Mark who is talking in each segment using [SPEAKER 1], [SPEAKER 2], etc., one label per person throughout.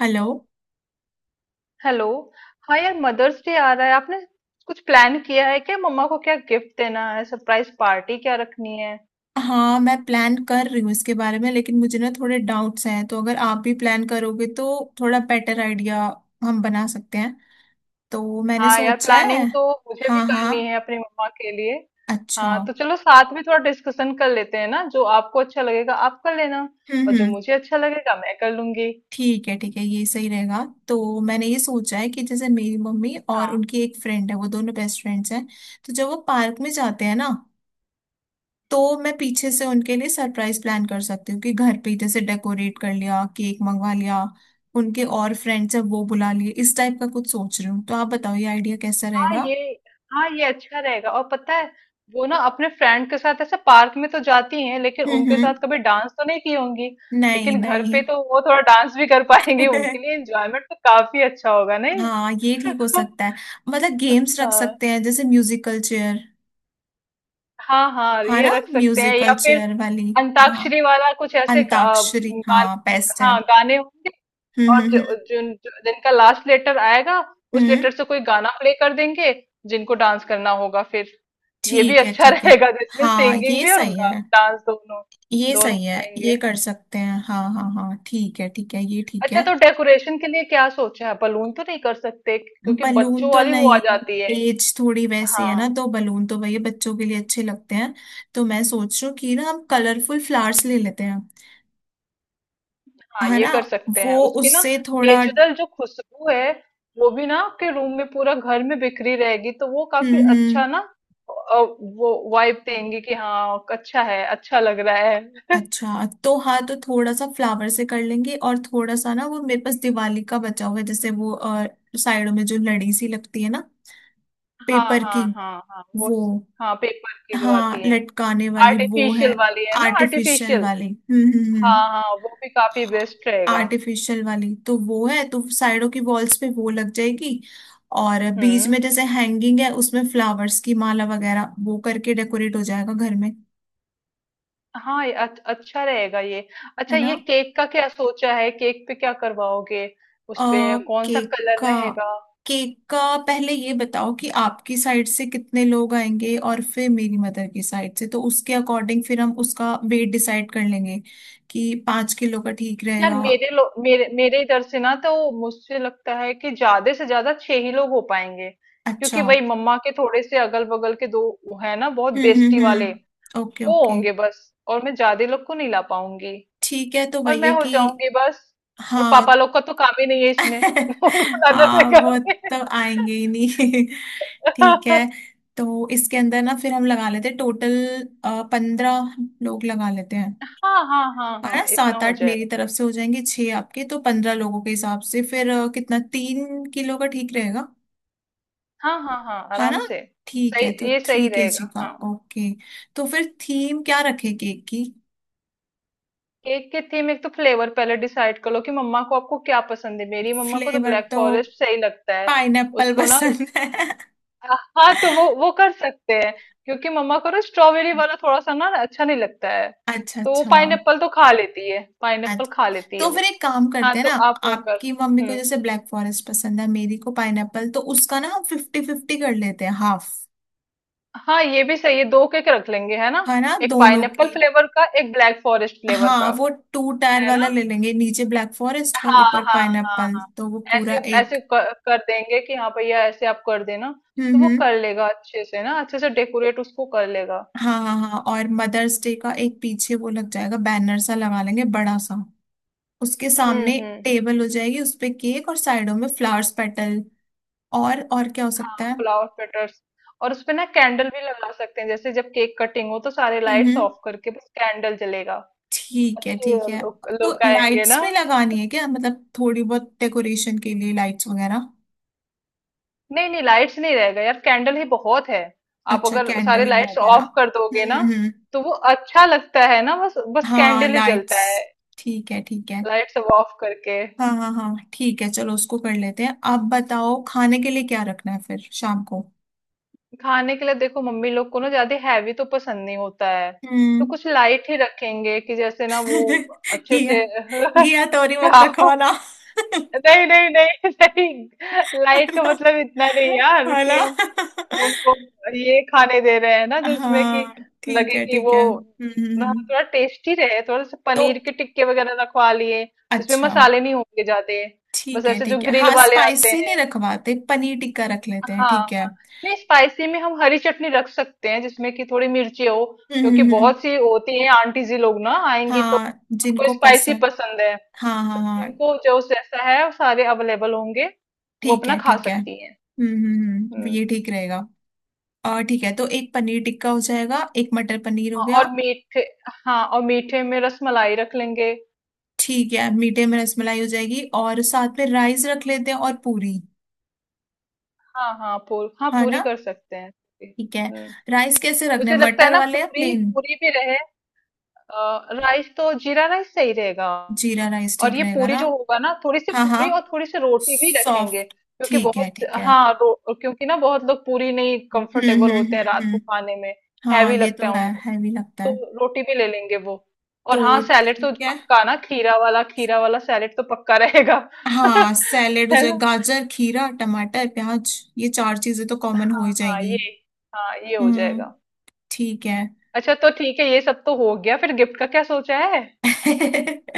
[SPEAKER 1] Hello.
[SPEAKER 2] Hello. हाँ यार, Mother's Day आ रहा है। आपने कुछ प्लान किया है क्या? मम्मा को क्या गिफ्ट देना है? सरप्राइज पार्टी क्या रखनी है?
[SPEAKER 1] हाँ, मैं प्लान कर रही हूँ इसके बारे में, लेकिन मुझे ना थोड़े डाउट्स हैं। तो अगर आप भी प्लान करोगे तो थोड़ा बेटर आइडिया हम बना सकते हैं। तो मैंने
[SPEAKER 2] हाँ यार,
[SPEAKER 1] सोचा है।
[SPEAKER 2] प्लानिंग तो मुझे भी
[SPEAKER 1] हाँ हाँ।
[SPEAKER 2] करनी है अपनी मम्मा के लिए।
[SPEAKER 1] अच्छा।
[SPEAKER 2] हाँ
[SPEAKER 1] हम्म।
[SPEAKER 2] तो चलो, साथ में थोड़ा डिस्कशन कर लेते हैं ना। जो आपको अच्छा लगेगा आप कर लेना, और जो
[SPEAKER 1] हम्म
[SPEAKER 2] मुझे अच्छा लगेगा मैं कर लूंगी।
[SPEAKER 1] ठीक है ठीक है, ये सही रहेगा। तो मैंने ये सोचा है कि जैसे मेरी मम्मी और उनकी एक फ्रेंड है, वो दोनों बेस्ट फ्रेंड्स हैं। तो जब वो पार्क में जाते हैं ना, तो मैं पीछे से उनके लिए सरप्राइज प्लान कर सकती हूँ कि घर पे ही जैसे डेकोरेट कर लिया, केक मंगवा लिया, उनके और फ्रेंड्स है वो बुला लिए, इस टाइप का कुछ सोच रही हूँ। तो आप बताओ ये आइडिया कैसा
[SPEAKER 2] हाँ
[SPEAKER 1] रहेगा।
[SPEAKER 2] ये, हाँ ये अच्छा रहेगा। और पता है, वो ना अपने फ्रेंड के साथ ऐसे पार्क में तो जाती हैं, लेकिन
[SPEAKER 1] हम्म
[SPEAKER 2] उनके
[SPEAKER 1] हम्म
[SPEAKER 2] साथ कभी डांस तो नहीं की होंगी।
[SPEAKER 1] नहीं
[SPEAKER 2] लेकिन घर
[SPEAKER 1] नहीं।
[SPEAKER 2] पे तो वो थोड़ा डांस भी कर पाएंगे। उनके लिए एंजॉयमेंट तो काफी अच्छा होगा नहीं?
[SPEAKER 1] हाँ, ये ठीक हो सकता है। मतलब गेम्स रख
[SPEAKER 2] हाँ
[SPEAKER 1] सकते हैं जैसे म्यूजिकल चेयर।
[SPEAKER 2] हाँ हाँ,
[SPEAKER 1] हाँ
[SPEAKER 2] ये
[SPEAKER 1] ना,
[SPEAKER 2] रख सकते हैं, या
[SPEAKER 1] म्यूजिकल
[SPEAKER 2] फिर
[SPEAKER 1] चेयर वाली। हाँ,
[SPEAKER 2] अंताक्षरी वाला कुछ, ऐसे
[SPEAKER 1] अंताक्षरी, हाँ, बेस्ट है।
[SPEAKER 2] हाँ गाने होंगे।
[SPEAKER 1] हम्म
[SPEAKER 2] और
[SPEAKER 1] हम्म हम्म
[SPEAKER 2] जिन जिनका लास्ट लेटर आएगा, उस
[SPEAKER 1] हम्म,
[SPEAKER 2] लेटर से कोई गाना प्ले कर देंगे, जिनको डांस करना होगा फिर। ये भी
[SPEAKER 1] ठीक है
[SPEAKER 2] अच्छा
[SPEAKER 1] ठीक है।
[SPEAKER 2] रहेगा, जिसमें
[SPEAKER 1] हाँ,
[SPEAKER 2] सिंगिंग
[SPEAKER 1] ये
[SPEAKER 2] भी और
[SPEAKER 1] सही है।
[SPEAKER 2] डांस दोनों,
[SPEAKER 1] ये
[SPEAKER 2] दोनों
[SPEAKER 1] सही
[SPEAKER 2] हो
[SPEAKER 1] है,
[SPEAKER 2] जाएंगे।
[SPEAKER 1] ये कर सकते हैं। हाँ हाँ हाँ, ठीक है ठीक है, ये ठीक
[SPEAKER 2] अच्छा,
[SPEAKER 1] है।
[SPEAKER 2] तो डेकोरेशन के लिए क्या सोचा है? बलून तो नहीं कर सकते क्योंकि
[SPEAKER 1] बलून
[SPEAKER 2] बच्चों
[SPEAKER 1] तो
[SPEAKER 2] वाली वो आ
[SPEAKER 1] नहीं,
[SPEAKER 2] जाती है।
[SPEAKER 1] एज थोड़ी वैसी है ना,
[SPEAKER 2] हाँ
[SPEAKER 1] तो बलून तो भैया बच्चों के लिए अच्छे लगते हैं। तो मैं सोच रही हूँ कि ना हम कलरफुल फ्लावर्स ले लेते हैं।
[SPEAKER 2] हाँ,
[SPEAKER 1] है
[SPEAKER 2] ये
[SPEAKER 1] ना,
[SPEAKER 2] कर सकते
[SPEAKER 1] वो
[SPEAKER 2] हैं। उसकी ना
[SPEAKER 1] उससे थोड़ा।
[SPEAKER 2] नेचुरल जो खुशबू है, वो भी ना आपके रूम में, पूरा घर में बिखरी रहेगी, तो वो
[SPEAKER 1] हम्म
[SPEAKER 2] काफी
[SPEAKER 1] हम्म
[SPEAKER 2] अच्छा ना वो वाइब देंगी कि हाँ अच्छा है, अच्छा लग रहा है।
[SPEAKER 1] अच्छा तो हाँ, तो थोड़ा सा फ्लावर से कर लेंगे, और थोड़ा सा ना वो मेरे पास दिवाली का बचा हुआ है जैसे वो साइडों में जो लड़ी सी लगती है ना,
[SPEAKER 2] हाँ
[SPEAKER 1] पेपर की,
[SPEAKER 2] हाँ हाँ हाँ वो,
[SPEAKER 1] वो।
[SPEAKER 2] हाँ पेपर की जो
[SPEAKER 1] हाँ
[SPEAKER 2] आती है,
[SPEAKER 1] लटकाने वाली वो है।
[SPEAKER 2] आर्टिफिशियल वाली है ना,
[SPEAKER 1] आर्टिफिशियल
[SPEAKER 2] आर्टिफिशियल।
[SPEAKER 1] वाली।
[SPEAKER 2] हाँ हाँ, वो भी काफी बेस्ट रहेगा।
[SPEAKER 1] आर्टिफिशियल वाली तो वो है, तो साइडों की वॉल्स पे वो लग जाएगी, और बीच में
[SPEAKER 2] हम्म,
[SPEAKER 1] जैसे हैंगिंग है उसमें फ्लावर्स की माला वगैरह वो करके डेकोरेट हो जाएगा घर में।
[SPEAKER 2] हाँ ये अच्छा रहेगा ये।
[SPEAKER 1] है
[SPEAKER 2] अच्छा,
[SPEAKER 1] ना।
[SPEAKER 2] ये केक का क्या सोचा है? केक पे क्या करवाओगे?
[SPEAKER 1] अ
[SPEAKER 2] उस पे कौन सा
[SPEAKER 1] केक
[SPEAKER 2] कलर
[SPEAKER 1] का,
[SPEAKER 2] रहेगा?
[SPEAKER 1] केक का पहले ये बताओ कि आपकी साइड से कितने लोग आएंगे, और फिर मेरी मदर की साइड से, तो उसके अकॉर्डिंग फिर हम उसका वेट डिसाइड कर लेंगे कि 5 किलो का ठीक
[SPEAKER 2] यार,
[SPEAKER 1] रहेगा।
[SPEAKER 2] मेरे लो मेरे मेरे इधर से ना, तो मुझसे लगता है कि ज्यादा से ज्यादा छह ही लोग हो पाएंगे,
[SPEAKER 1] अच्छा।
[SPEAKER 2] क्योंकि वही मम्मा के थोड़े से अगल बगल के दो, है ना, बहुत बेस्टी वाले,
[SPEAKER 1] ओके
[SPEAKER 2] वो
[SPEAKER 1] ओके।
[SPEAKER 2] होंगे बस। और मैं ज्यादा लोग को नहीं ला पाऊंगी,
[SPEAKER 1] ठीक है तो
[SPEAKER 2] और मैं
[SPEAKER 1] भैया
[SPEAKER 2] हो
[SPEAKER 1] कि
[SPEAKER 2] जाऊंगी बस। और
[SPEAKER 1] हाँ।
[SPEAKER 2] पापा लोग का तो काम ही नहीं है इसमें। उनको लाना
[SPEAKER 1] हाँ
[SPEAKER 2] बेकार
[SPEAKER 1] वो,
[SPEAKER 2] है।
[SPEAKER 1] तो आएंगे ही नहीं। ठीक है। तो इसके अंदर ना फिर हम लगा लेते हैं टोटल 15 लोग लगा लेते हैं।
[SPEAKER 2] हाँ हाँ हाँ
[SPEAKER 1] है
[SPEAKER 2] हाँ,
[SPEAKER 1] ना,
[SPEAKER 2] इतना
[SPEAKER 1] सात
[SPEAKER 2] हो
[SPEAKER 1] आठ मेरी
[SPEAKER 2] जाएगा।
[SPEAKER 1] तरफ से हो जाएंगे, छह आपके, तो 15 लोगों के हिसाब से फिर कितना, 3 किलो का ठीक रहेगा।
[SPEAKER 2] हाँ हाँ हाँ,
[SPEAKER 1] है ना,
[SPEAKER 2] आराम से।
[SPEAKER 1] ठीक
[SPEAKER 2] सही,
[SPEAKER 1] है, तो
[SPEAKER 2] ये
[SPEAKER 1] थ्री
[SPEAKER 2] सही
[SPEAKER 1] केजी
[SPEAKER 2] रहेगा
[SPEAKER 1] का।
[SPEAKER 2] हाँ।
[SPEAKER 1] ओके। तो फिर थीम क्या रखे केक की।
[SPEAKER 2] केक के थीम, एक तो फ्लेवर पहले डिसाइड कर लो कि मम्मा को, आपको क्या पसंद है। मेरी मम्मा को तो
[SPEAKER 1] फ्लेवर
[SPEAKER 2] ब्लैक
[SPEAKER 1] तो
[SPEAKER 2] फॉरेस्ट सही लगता है।
[SPEAKER 1] पाइनएप्पल
[SPEAKER 2] उसको ना,
[SPEAKER 1] पसंद है।
[SPEAKER 2] हाँ तो वो कर सकते हैं। क्योंकि मम्मा को ना स्ट्रॉबेरी वाला थोड़ा सा ना अच्छा नहीं लगता है।
[SPEAKER 1] अच्छा
[SPEAKER 2] तो वो
[SPEAKER 1] अच्छा।
[SPEAKER 2] पाइनएप्पल तो खा लेती है, पाइनएप्पल
[SPEAKER 1] अच्छा
[SPEAKER 2] खा लेती है
[SPEAKER 1] तो फिर
[SPEAKER 2] वो।
[SPEAKER 1] एक काम
[SPEAKER 2] हाँ
[SPEAKER 1] करते हैं
[SPEAKER 2] तो
[SPEAKER 1] ना,
[SPEAKER 2] आप वो कर,
[SPEAKER 1] आपकी मम्मी को
[SPEAKER 2] हम्म,
[SPEAKER 1] जैसे ब्लैक फॉरेस्ट पसंद है, मेरी को पाइनएप्पल, तो उसका ना हम फिफ्टी फिफ्टी कर लेते हैं, हाफ।
[SPEAKER 2] हाँ ये भी सही है, दो केक रख लेंगे है ना।
[SPEAKER 1] है ना,
[SPEAKER 2] एक
[SPEAKER 1] दोनों
[SPEAKER 2] पाइनएप्पल
[SPEAKER 1] की।
[SPEAKER 2] फ्लेवर का, एक ब्लैक फॉरेस्ट फ्लेवर
[SPEAKER 1] हाँ
[SPEAKER 2] का,
[SPEAKER 1] वो टू टायर
[SPEAKER 2] है
[SPEAKER 1] वाला
[SPEAKER 2] ना।
[SPEAKER 1] ले लेंगे, नीचे ब्लैक फॉरेस्ट और
[SPEAKER 2] हाँ
[SPEAKER 1] ऊपर
[SPEAKER 2] हाँ हाँ
[SPEAKER 1] पाइनएप्पल,
[SPEAKER 2] हाँ,
[SPEAKER 1] तो वो
[SPEAKER 2] ऐसे
[SPEAKER 1] पूरा एक।
[SPEAKER 2] ऐसे कर देंगे कि हाँ भैया ऐसे आप कर देना,
[SPEAKER 1] हम्म
[SPEAKER 2] तो वो
[SPEAKER 1] हम्म
[SPEAKER 2] कर लेगा अच्छे से ना, अच्छे से डेकोरेट उसको कर लेगा।
[SPEAKER 1] हाँ हाँ हाँ, और मदर्स डे का एक पीछे वो लग जाएगा, बैनर सा लगा लेंगे बड़ा सा। उसके
[SPEAKER 2] हम्म
[SPEAKER 1] सामने
[SPEAKER 2] हम्म हम्म,
[SPEAKER 1] टेबल हो जाएगी, उस पे केक, और साइडों में फ्लावर्स पेटल। और क्या हो
[SPEAKER 2] हाँ
[SPEAKER 1] सकता है।
[SPEAKER 2] फ्लावर पेटर्स। और उसपे ना कैंडल भी लगा सकते हैं, जैसे जब केक कटिंग हो तो सारे लाइट्स
[SPEAKER 1] हम्म।
[SPEAKER 2] ऑफ करके बस कैंडल जलेगा।
[SPEAKER 1] ठीक है
[SPEAKER 2] अच्छे
[SPEAKER 1] ठीक है।
[SPEAKER 2] लोग
[SPEAKER 1] तो
[SPEAKER 2] लोग आएंगे
[SPEAKER 1] लाइट्स
[SPEAKER 2] ना।
[SPEAKER 1] में लगानी है क्या, मतलब थोड़ी बहुत डेकोरेशन के लिए लाइट्स वगैरह।
[SPEAKER 2] नहीं नहीं, लाइट्स नहीं रहेगा यार, कैंडल ही बहुत है। आप
[SPEAKER 1] अच्छा,
[SPEAKER 2] अगर
[SPEAKER 1] कैंडल
[SPEAKER 2] सारे
[SPEAKER 1] ही
[SPEAKER 2] लाइट्स
[SPEAKER 1] बहुत है ना।
[SPEAKER 2] ऑफ कर दोगे
[SPEAKER 1] हम्म
[SPEAKER 2] ना,
[SPEAKER 1] हम्म हम्म।
[SPEAKER 2] तो वो अच्छा लगता है ना, बस बस
[SPEAKER 1] हाँ
[SPEAKER 2] कैंडल ही
[SPEAKER 1] लाइट्स,
[SPEAKER 2] जलता है।
[SPEAKER 1] ठीक है ठीक है।
[SPEAKER 2] लाइट्स सब ऑफ करके,
[SPEAKER 1] हाँ हाँ हाँ, ठीक है, चलो उसको कर लेते हैं। आप बताओ खाने के लिए क्या रखना है फिर शाम को।
[SPEAKER 2] खाने के लिए देखो मम्मी लोग को ना ज्यादा हैवी तो पसंद नहीं होता है। तो
[SPEAKER 1] हम्म।
[SPEAKER 2] कुछ लाइट ही रखेंगे, कि जैसे ना वो अच्छे
[SPEAKER 1] घिया,
[SPEAKER 2] से
[SPEAKER 1] घिया तोरी मत
[SPEAKER 2] खाओ।
[SPEAKER 1] रखवाना।
[SPEAKER 2] नहीं नहीं नहीं, नहीं लाइट का मतलब इतना नहीं यार,
[SPEAKER 1] है
[SPEAKER 2] कि
[SPEAKER 1] ना।
[SPEAKER 2] हम उनको ये खाने दे रहे हैं ना जिसमें कि
[SPEAKER 1] हाँ ठीक
[SPEAKER 2] लगे
[SPEAKER 1] है
[SPEAKER 2] कि
[SPEAKER 1] ठीक
[SPEAKER 2] वो,
[SPEAKER 1] है।
[SPEAKER 2] हाँ, थोड़ा टेस्टी रहे। थोड़ा सा
[SPEAKER 1] तो
[SPEAKER 2] पनीर के टिक्के वगैरह रखवा लिए जिसमें
[SPEAKER 1] अच्छा
[SPEAKER 2] मसाले नहीं होंगे ज्यादा, बस
[SPEAKER 1] ठीक है
[SPEAKER 2] ऐसे जो
[SPEAKER 1] ठीक है।
[SPEAKER 2] ग्रिल
[SPEAKER 1] हाँ,
[SPEAKER 2] वाले आते
[SPEAKER 1] स्पाइसी नहीं
[SPEAKER 2] हैं।
[SPEAKER 1] रखवाते, पनीर टिक्का रख लेते हैं,
[SPEAKER 2] हाँ
[SPEAKER 1] ठीक है।
[SPEAKER 2] हाँ, नहीं स्पाइसी में हम हरी चटनी रख सकते हैं जिसमें कि थोड़ी मिर्ची हो।
[SPEAKER 1] हम्म
[SPEAKER 2] क्योंकि
[SPEAKER 1] हम्म, हम्म,
[SPEAKER 2] बहुत सी होती है आंटी जी लोग ना आएंगी तो,
[SPEAKER 1] हाँ
[SPEAKER 2] उनको
[SPEAKER 1] जिनको
[SPEAKER 2] स्पाइसी
[SPEAKER 1] पसंद।
[SPEAKER 2] पसंद है।
[SPEAKER 1] हाँ हाँ हाँ,
[SPEAKER 2] इनको जो जैसा है वो सारे अवेलेबल होंगे, वो
[SPEAKER 1] ठीक
[SPEAKER 2] अपना
[SPEAKER 1] है
[SPEAKER 2] खा
[SPEAKER 1] ठीक है।
[SPEAKER 2] सकती हैं। हम्म,
[SPEAKER 1] ये ठीक रहेगा। और ठीक है, तो एक पनीर टिक्का हो जाएगा, एक मटर पनीर हो
[SPEAKER 2] हाँ,
[SPEAKER 1] गया।
[SPEAKER 2] और मीठे, हाँ और मीठे में रसमलाई रख लेंगे।
[SPEAKER 1] ठीक है, मीठे में रसमलाई हो जाएगी, और साथ में राइस रख लेते हैं और पूरी।
[SPEAKER 2] हाँ हाँ पूरी, हाँ
[SPEAKER 1] हाँ
[SPEAKER 2] पूरी
[SPEAKER 1] ना।
[SPEAKER 2] कर सकते हैं।
[SPEAKER 1] ठीक है।
[SPEAKER 2] हम्म,
[SPEAKER 1] राइस कैसे रखने
[SPEAKER 2] मुझे
[SPEAKER 1] हैं,
[SPEAKER 2] लगता है
[SPEAKER 1] मटर
[SPEAKER 2] ना
[SPEAKER 1] वाले या
[SPEAKER 2] पूरी,
[SPEAKER 1] प्लेन।
[SPEAKER 2] पूरी भी रहे। राइस तो जीरा राइस सही रहेगा।
[SPEAKER 1] जीरा राइस
[SPEAKER 2] और
[SPEAKER 1] ठीक
[SPEAKER 2] ये
[SPEAKER 1] रहेगा
[SPEAKER 2] पूरी
[SPEAKER 1] ना।
[SPEAKER 2] जो होगा ना, थोड़ी सी
[SPEAKER 1] हाँ हाँ,
[SPEAKER 2] पूरी और थोड़ी सी रोटी भी रखेंगे,
[SPEAKER 1] सॉफ्ट।
[SPEAKER 2] क्योंकि
[SPEAKER 1] ठीक है
[SPEAKER 2] बहुत,
[SPEAKER 1] ठीक है।
[SPEAKER 2] हाँ क्योंकि ना बहुत लोग पूरी नहीं
[SPEAKER 1] हम्म
[SPEAKER 2] कंफर्टेबल
[SPEAKER 1] हम्म
[SPEAKER 2] होते हैं
[SPEAKER 1] हम्म,
[SPEAKER 2] रात को
[SPEAKER 1] हम्म।
[SPEAKER 2] खाने में।
[SPEAKER 1] हाँ
[SPEAKER 2] हैवी
[SPEAKER 1] ये
[SPEAKER 2] लगता
[SPEAKER 1] तो
[SPEAKER 2] है
[SPEAKER 1] है,
[SPEAKER 2] उनको,
[SPEAKER 1] हैवी लगता है।
[SPEAKER 2] तो रोटी भी ले लेंगे वो। और
[SPEAKER 1] तो
[SPEAKER 2] हाँ सैलेड तो
[SPEAKER 1] ठीक है।
[SPEAKER 2] पक्का ना, खीरा वाला, खीरा वाला सैलेड तो पक्का रहेगा।
[SPEAKER 1] हाँ, सैलेड हो
[SPEAKER 2] है
[SPEAKER 1] जाए,
[SPEAKER 2] ना,
[SPEAKER 1] गाजर खीरा टमाटर प्याज, ये चार चीजें तो कॉमन हो
[SPEAKER 2] हाँ
[SPEAKER 1] ही
[SPEAKER 2] हाँ ये,
[SPEAKER 1] जाएगी।
[SPEAKER 2] हाँ ये हो
[SPEAKER 1] हम्म।
[SPEAKER 2] जाएगा।
[SPEAKER 1] ठीक है।
[SPEAKER 2] अच्छा, तो ठीक है, ये सब तो हो गया। फिर गिफ्ट का क्या सोचा है?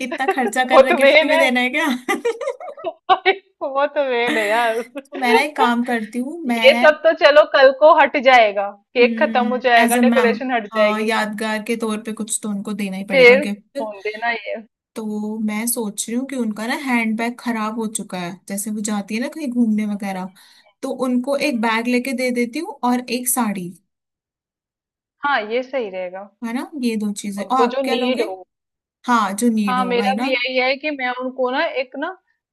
[SPEAKER 1] इतना खर्चा कर
[SPEAKER 2] वो
[SPEAKER 1] रहे,
[SPEAKER 2] तो
[SPEAKER 1] गिफ्ट
[SPEAKER 2] मेन
[SPEAKER 1] भी
[SPEAKER 2] है,
[SPEAKER 1] देना है क्या।
[SPEAKER 2] अरे, वो तो मेन है यार।
[SPEAKER 1] तो मैं ना एक काम करती हूँ,
[SPEAKER 2] ये
[SPEAKER 1] मैं
[SPEAKER 2] सब तो चलो कल को हट जाएगा, केक खत्म हो
[SPEAKER 1] एज
[SPEAKER 2] जाएगा,
[SPEAKER 1] अ मैम,
[SPEAKER 2] डेकोरेशन हट
[SPEAKER 1] हाँ
[SPEAKER 2] जाएगी।
[SPEAKER 1] यादगार के तौर पे कुछ तो उनको देना ही पड़ेगा
[SPEAKER 2] फिर
[SPEAKER 1] गिफ्ट।
[SPEAKER 2] फोन देना ये,
[SPEAKER 1] तो मैं सोच रही हूँ कि उनका ना हैंड बैग खराब हो चुका है, जैसे वो जाती है ना कहीं घूमने वगैरह, तो उनको एक
[SPEAKER 2] हम्म,
[SPEAKER 1] बैग लेके दे देती हूँ और एक साड़ी।
[SPEAKER 2] हाँ ये सही रहेगा।
[SPEAKER 1] है ना, ये दो चीजें। और
[SPEAKER 2] उनको
[SPEAKER 1] आप
[SPEAKER 2] जो
[SPEAKER 1] क्या
[SPEAKER 2] नीड
[SPEAKER 1] लोगे।
[SPEAKER 2] हो।
[SPEAKER 1] हाँ जो नीड
[SPEAKER 2] हाँ
[SPEAKER 1] हो
[SPEAKER 2] मेरा
[SPEAKER 1] भाई ना।
[SPEAKER 2] भी यही है कि मैं उनको ना एक ना,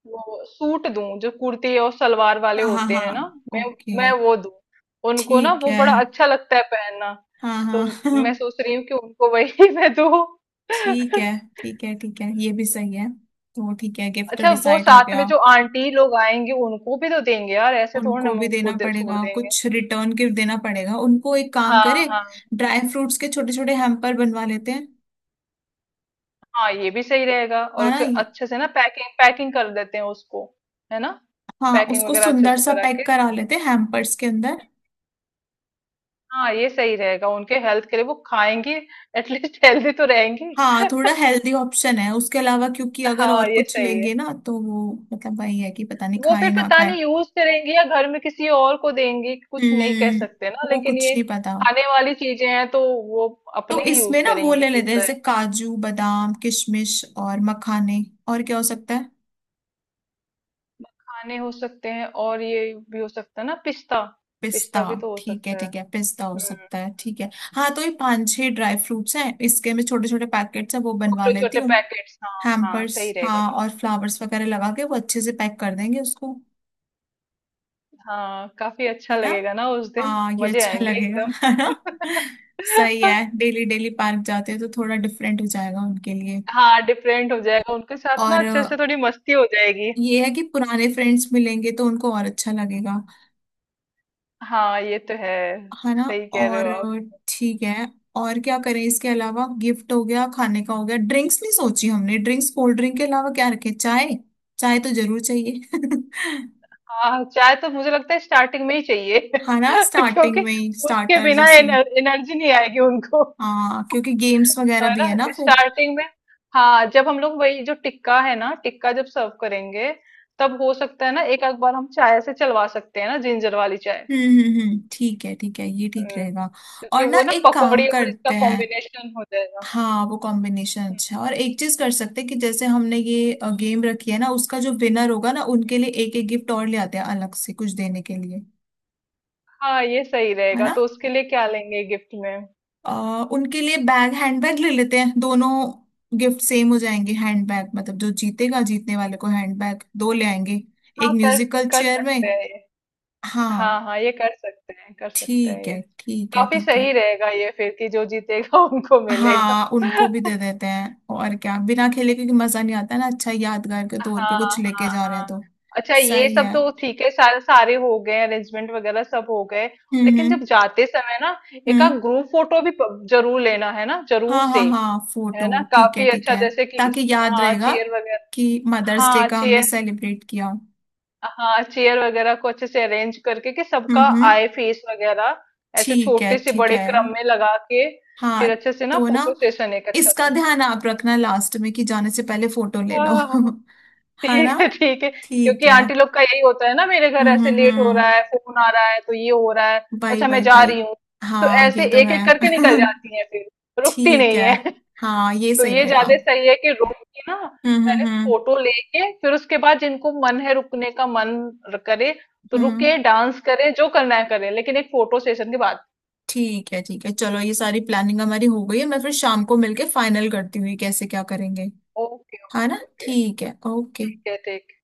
[SPEAKER 2] वो सूट दूं, जो कुर्ती और सलवार वाले
[SPEAKER 1] हाँ हाँ
[SPEAKER 2] होते हैं
[SPEAKER 1] हाँ।
[SPEAKER 2] ना, मैं
[SPEAKER 1] ओके।
[SPEAKER 2] मैं वो दूं। उनको ना
[SPEAKER 1] ठीक
[SPEAKER 2] वो
[SPEAKER 1] है।
[SPEAKER 2] बड़ा अच्छा लगता है पहनना,
[SPEAKER 1] हाँ
[SPEAKER 2] तो
[SPEAKER 1] हाँ।
[SPEAKER 2] मैं सोच रही हूँ कि उनको वही मैं दूं।
[SPEAKER 1] ठीक है ठीक है, ठीक है ये भी सही है। तो ठीक है, गिफ्ट तो
[SPEAKER 2] अच्छा, वो
[SPEAKER 1] डिसाइड हो
[SPEAKER 2] साथ में
[SPEAKER 1] गया।
[SPEAKER 2] जो आंटी लोग आएंगे उनको भी तो देंगे यार, ऐसे थोड़ी ना
[SPEAKER 1] उनको
[SPEAKER 2] हम
[SPEAKER 1] भी
[SPEAKER 2] उनको
[SPEAKER 1] देना
[SPEAKER 2] छोड़
[SPEAKER 1] पड़ेगा
[SPEAKER 2] देंगे।
[SPEAKER 1] कुछ, रिटर्न गिफ्ट देना पड़ेगा, उनको एक काम
[SPEAKER 2] हाँ
[SPEAKER 1] करे,
[SPEAKER 2] हाँ
[SPEAKER 1] ड्राई फ्रूट्स के छोटे छोटे हैम्पर बनवा लेते हैं।
[SPEAKER 2] हाँ, ये भी सही रहेगा।
[SPEAKER 1] हाँ
[SPEAKER 2] और
[SPEAKER 1] ना,
[SPEAKER 2] जो
[SPEAKER 1] ये
[SPEAKER 2] अच्छे से ना, पैकिंग पैकिंग कर देते हैं उसको, है ना,
[SPEAKER 1] हाँ,
[SPEAKER 2] पैकिंग
[SPEAKER 1] उसको
[SPEAKER 2] वगैरह अच्छे
[SPEAKER 1] सुंदर
[SPEAKER 2] से
[SPEAKER 1] सा
[SPEAKER 2] करा के।
[SPEAKER 1] पैक करा लेते हैं हैम्पर्स के अंदर।
[SPEAKER 2] हाँ ये सही रहेगा, उनके हेल्थ के लिए वो खाएंगी, एटलीस्ट हेल्दी तो रहेंगी।
[SPEAKER 1] हाँ थोड़ा हेल्दी ऑप्शन है उसके अलावा, क्योंकि अगर
[SPEAKER 2] हाँ
[SPEAKER 1] और
[SPEAKER 2] ये
[SPEAKER 1] कुछ
[SPEAKER 2] सही है।
[SPEAKER 1] लेंगे ना तो वो मतलब वही है कि पता नहीं
[SPEAKER 2] वो फिर
[SPEAKER 1] खाए ना
[SPEAKER 2] पता
[SPEAKER 1] खाए।
[SPEAKER 2] नहीं यूज करेंगी या घर में किसी और को देंगी, कुछ नहीं कह
[SPEAKER 1] हम्म।
[SPEAKER 2] सकते ना।
[SPEAKER 1] वो
[SPEAKER 2] लेकिन
[SPEAKER 1] कुछ
[SPEAKER 2] ये
[SPEAKER 1] नहीं पता।
[SPEAKER 2] खाने वाली चीजें हैं तो वो
[SPEAKER 1] तो
[SPEAKER 2] अपने ही यूज
[SPEAKER 1] इसमें ना वो
[SPEAKER 2] करेंगी
[SPEAKER 1] ले
[SPEAKER 2] ये
[SPEAKER 1] लेते हैं,
[SPEAKER 2] तो।
[SPEAKER 1] जैसे काजू बादाम किशमिश और मखाने, और क्या हो सकता है,
[SPEAKER 2] खाने हो सकते हैं, और ये भी हो सकता है ना, पिस्ता,
[SPEAKER 1] पिस्ता।
[SPEAKER 2] पिस्ता भी तो हो
[SPEAKER 1] ठीक है
[SPEAKER 2] सकता है।
[SPEAKER 1] ठीक है, पिस्ता हो
[SPEAKER 2] हम्म,
[SPEAKER 1] सकता है, ठीक है। हाँ तो ये पांच छह ड्राई फ्रूट्स हैं इसके, मैं छोटे छोटे पैकेट्स हैं वो बनवा
[SPEAKER 2] छोटे
[SPEAKER 1] लेती
[SPEAKER 2] छोटे
[SPEAKER 1] हूँ,
[SPEAKER 2] पैकेट्स हाँ हाँ,
[SPEAKER 1] हैम्पर्स।
[SPEAKER 2] सही रहेगा
[SPEAKER 1] हाँ
[SPEAKER 2] ये।
[SPEAKER 1] और फ्लावर्स वगैरह लगा के वो अच्छे से पैक कर देंगे उसको।
[SPEAKER 2] हाँ काफी अच्छा
[SPEAKER 1] है ना।
[SPEAKER 2] लगेगा ना, उस दिन
[SPEAKER 1] हाँ, ये
[SPEAKER 2] मजे
[SPEAKER 1] अच्छा
[SPEAKER 2] आएंगे
[SPEAKER 1] लगेगा
[SPEAKER 2] एकदम।
[SPEAKER 1] है ना। सही है, डेली डेली पार्क जाते हैं तो थोड़ा डिफरेंट हो जाएगा उनके लिए।
[SPEAKER 2] हाँ डिफरेंट हो जाएगा उनके साथ ना,
[SPEAKER 1] और
[SPEAKER 2] अच्छे से थोड़ी मस्ती हो जाएगी।
[SPEAKER 1] ये है कि पुराने फ्रेंड्स मिलेंगे तो उनको और अच्छा लगेगा।
[SPEAKER 2] हाँ ये तो है,
[SPEAKER 1] है ना।
[SPEAKER 2] सही कह रहे हो
[SPEAKER 1] और
[SPEAKER 2] आप।
[SPEAKER 1] ठीक है। और क्या करें इसके अलावा, गिफ्ट हो गया, खाने का हो गया, ड्रिंक्स नहीं सोची हमने, ड्रिंक्स कोल्ड ड्रिंक के अलावा क्या रखें, चाय, चाय तो जरूर चाहिए।
[SPEAKER 2] हाँ चाय तो मुझे लगता है स्टार्टिंग में ही चाहिए
[SPEAKER 1] है ना, स्टार्टिंग
[SPEAKER 2] क्योंकि
[SPEAKER 1] में ही,
[SPEAKER 2] उसके
[SPEAKER 1] स्टार्टर
[SPEAKER 2] बिना
[SPEAKER 1] जैसे।
[SPEAKER 2] एनर्जी नहीं आएगी उनको।
[SPEAKER 1] हाँ क्योंकि गेम्स वगैरह
[SPEAKER 2] है
[SPEAKER 1] भी है ना
[SPEAKER 2] ना,
[SPEAKER 1] फिर।
[SPEAKER 2] स्टार्टिंग में। हाँ जब हम लोग वही जो टिक्का है ना, टिक्का जब सर्व करेंगे, तब हो सकता है ना एक आध बार हम चाय से चलवा सकते हैं ना, जिंजर वाली चाय।
[SPEAKER 1] ठीक है ठीक है, ये ठीक
[SPEAKER 2] हम्म,
[SPEAKER 1] रहेगा।
[SPEAKER 2] क्योंकि
[SPEAKER 1] और ना
[SPEAKER 2] वो ना
[SPEAKER 1] एक काम
[SPEAKER 2] पकौड़ी और इसका
[SPEAKER 1] करते हैं।
[SPEAKER 2] कॉम्बिनेशन हो जाएगा।
[SPEAKER 1] हाँ वो कॉम्बिनेशन अच्छा है। और एक चीज कर सकते हैं कि जैसे हमने ये गेम रखी है ना, उसका जो विनर होगा ना, उनके लिए एक एक गिफ्ट और ले आते हैं अलग से कुछ देने के लिए।
[SPEAKER 2] हाँ ये सही
[SPEAKER 1] है
[SPEAKER 2] रहेगा,
[SPEAKER 1] ना।
[SPEAKER 2] तो उसके लिए क्या लेंगे गिफ्ट में?
[SPEAKER 1] उनके लिए बैग, हैंडबैग ले लेते हैं दोनों। गिफ्ट सेम हो जाएंगे हैंडबैग, मतलब जो जीतेगा, जीतने वाले को हैंडबैग दो ले आएंगे,
[SPEAKER 2] हाँ
[SPEAKER 1] एक
[SPEAKER 2] कर,
[SPEAKER 1] म्यूजिकल
[SPEAKER 2] कर
[SPEAKER 1] चेयर में।
[SPEAKER 2] सकते हैं ये। हाँ हाँ
[SPEAKER 1] हाँ,
[SPEAKER 2] ये कर सकते हैं, कर सकते हैं
[SPEAKER 1] ठीक है
[SPEAKER 2] ये।
[SPEAKER 1] ठीक है
[SPEAKER 2] काफी
[SPEAKER 1] ठीक है।
[SPEAKER 2] सही रहेगा ये फिर, कि जो जीतेगा उनको मिलेगा।
[SPEAKER 1] हाँ उनको भी दे देते हैं, और क्या बिना खेले, क्योंकि मजा नहीं आता ना, अच्छा यादगार के तौर पे
[SPEAKER 2] हाँ
[SPEAKER 1] कुछ लेके
[SPEAKER 2] हाँ
[SPEAKER 1] जा रहे हैं
[SPEAKER 2] हाँ।
[SPEAKER 1] तो।
[SPEAKER 2] अच्छा, ये
[SPEAKER 1] सही
[SPEAKER 2] सब
[SPEAKER 1] है।
[SPEAKER 2] तो ठीक है, सारे सारे हो गए अरेंजमेंट वगैरह, सब हो गए।
[SPEAKER 1] हम्म
[SPEAKER 2] लेकिन जब
[SPEAKER 1] हम्म
[SPEAKER 2] जाते समय ना, एक आध
[SPEAKER 1] हम्म।
[SPEAKER 2] ग्रुप फोटो भी जरूर लेना है ना, जरूर
[SPEAKER 1] हाँ
[SPEAKER 2] से।
[SPEAKER 1] हाँ हाँ, फोटो,
[SPEAKER 2] है ना,
[SPEAKER 1] ठीक है
[SPEAKER 2] काफी
[SPEAKER 1] ठीक
[SPEAKER 2] अच्छा,
[SPEAKER 1] है,
[SPEAKER 2] जैसे कि
[SPEAKER 1] ताकि
[SPEAKER 2] इस,
[SPEAKER 1] याद
[SPEAKER 2] हाँ
[SPEAKER 1] रहेगा
[SPEAKER 2] चेयर वगैरह,
[SPEAKER 1] कि मदर्स डे
[SPEAKER 2] हाँ
[SPEAKER 1] का हमने
[SPEAKER 2] चेयर,
[SPEAKER 1] सेलिब्रेट किया।
[SPEAKER 2] हाँ चेयर वगैरह को अच्छे से अरेंज करके कि
[SPEAKER 1] हम्म
[SPEAKER 2] सबका
[SPEAKER 1] हम्म
[SPEAKER 2] आए फेस वगैरह, ऐसे
[SPEAKER 1] ठीक है
[SPEAKER 2] छोटे से
[SPEAKER 1] ठीक
[SPEAKER 2] बड़े
[SPEAKER 1] है।
[SPEAKER 2] क्रम में लगा के,
[SPEAKER 1] हाँ
[SPEAKER 2] फिर अच्छे से ना
[SPEAKER 1] तो ना,
[SPEAKER 2] फोटो सेशन, एक अच्छा
[SPEAKER 1] इसका
[SPEAKER 2] सा।
[SPEAKER 1] ध्यान आप रखना लास्ट में कि जाने से पहले फोटो ले
[SPEAKER 2] हाँ,
[SPEAKER 1] लो।
[SPEAKER 2] हाँ, हाँ।
[SPEAKER 1] है ना,
[SPEAKER 2] ठीक है ठीक है।
[SPEAKER 1] ठीक
[SPEAKER 2] क्योंकि
[SPEAKER 1] है।
[SPEAKER 2] आंटी लोग का यही होता है ना, मेरे घर
[SPEAKER 1] हम्म
[SPEAKER 2] ऐसे
[SPEAKER 1] हम्म
[SPEAKER 2] लेट हो
[SPEAKER 1] हम्म
[SPEAKER 2] रहा है, फोन आ रहा है, तो ये हो रहा है,
[SPEAKER 1] बाई
[SPEAKER 2] अच्छा मैं
[SPEAKER 1] बाई
[SPEAKER 2] जा
[SPEAKER 1] बाई।
[SPEAKER 2] रही हूँ, तो
[SPEAKER 1] हाँ
[SPEAKER 2] ऐसे
[SPEAKER 1] ये तो
[SPEAKER 2] एक
[SPEAKER 1] है।
[SPEAKER 2] एक करके निकल जाती है, फिर रुकती
[SPEAKER 1] ठीक
[SPEAKER 2] नहीं
[SPEAKER 1] है।
[SPEAKER 2] है।
[SPEAKER 1] हाँ ये
[SPEAKER 2] तो
[SPEAKER 1] सही
[SPEAKER 2] ये
[SPEAKER 1] रहेगा।
[SPEAKER 2] ज्यादा सही है कि रुक के ना,
[SPEAKER 1] हम्म
[SPEAKER 2] पहले
[SPEAKER 1] हम्म हम्म
[SPEAKER 2] फोटो लेके, फिर उसके बाद जिनको मन है रुकने का मन करे, तो
[SPEAKER 1] हम्म
[SPEAKER 2] रुके, डांस करें, जो करना है करें, लेकिन एक फोटो सेशन के बाद।
[SPEAKER 1] ठीक है ठीक है, चलो ये सारी प्लानिंग हमारी हो गई है, मैं फिर शाम को मिलके फाइनल करती हूँ ये कैसे क्या करेंगे।
[SPEAKER 2] ओके
[SPEAKER 1] है
[SPEAKER 2] ओके
[SPEAKER 1] ना,
[SPEAKER 2] ओके।
[SPEAKER 1] ठीक है, ओके।
[SPEAKER 2] ठीक है ठीक है।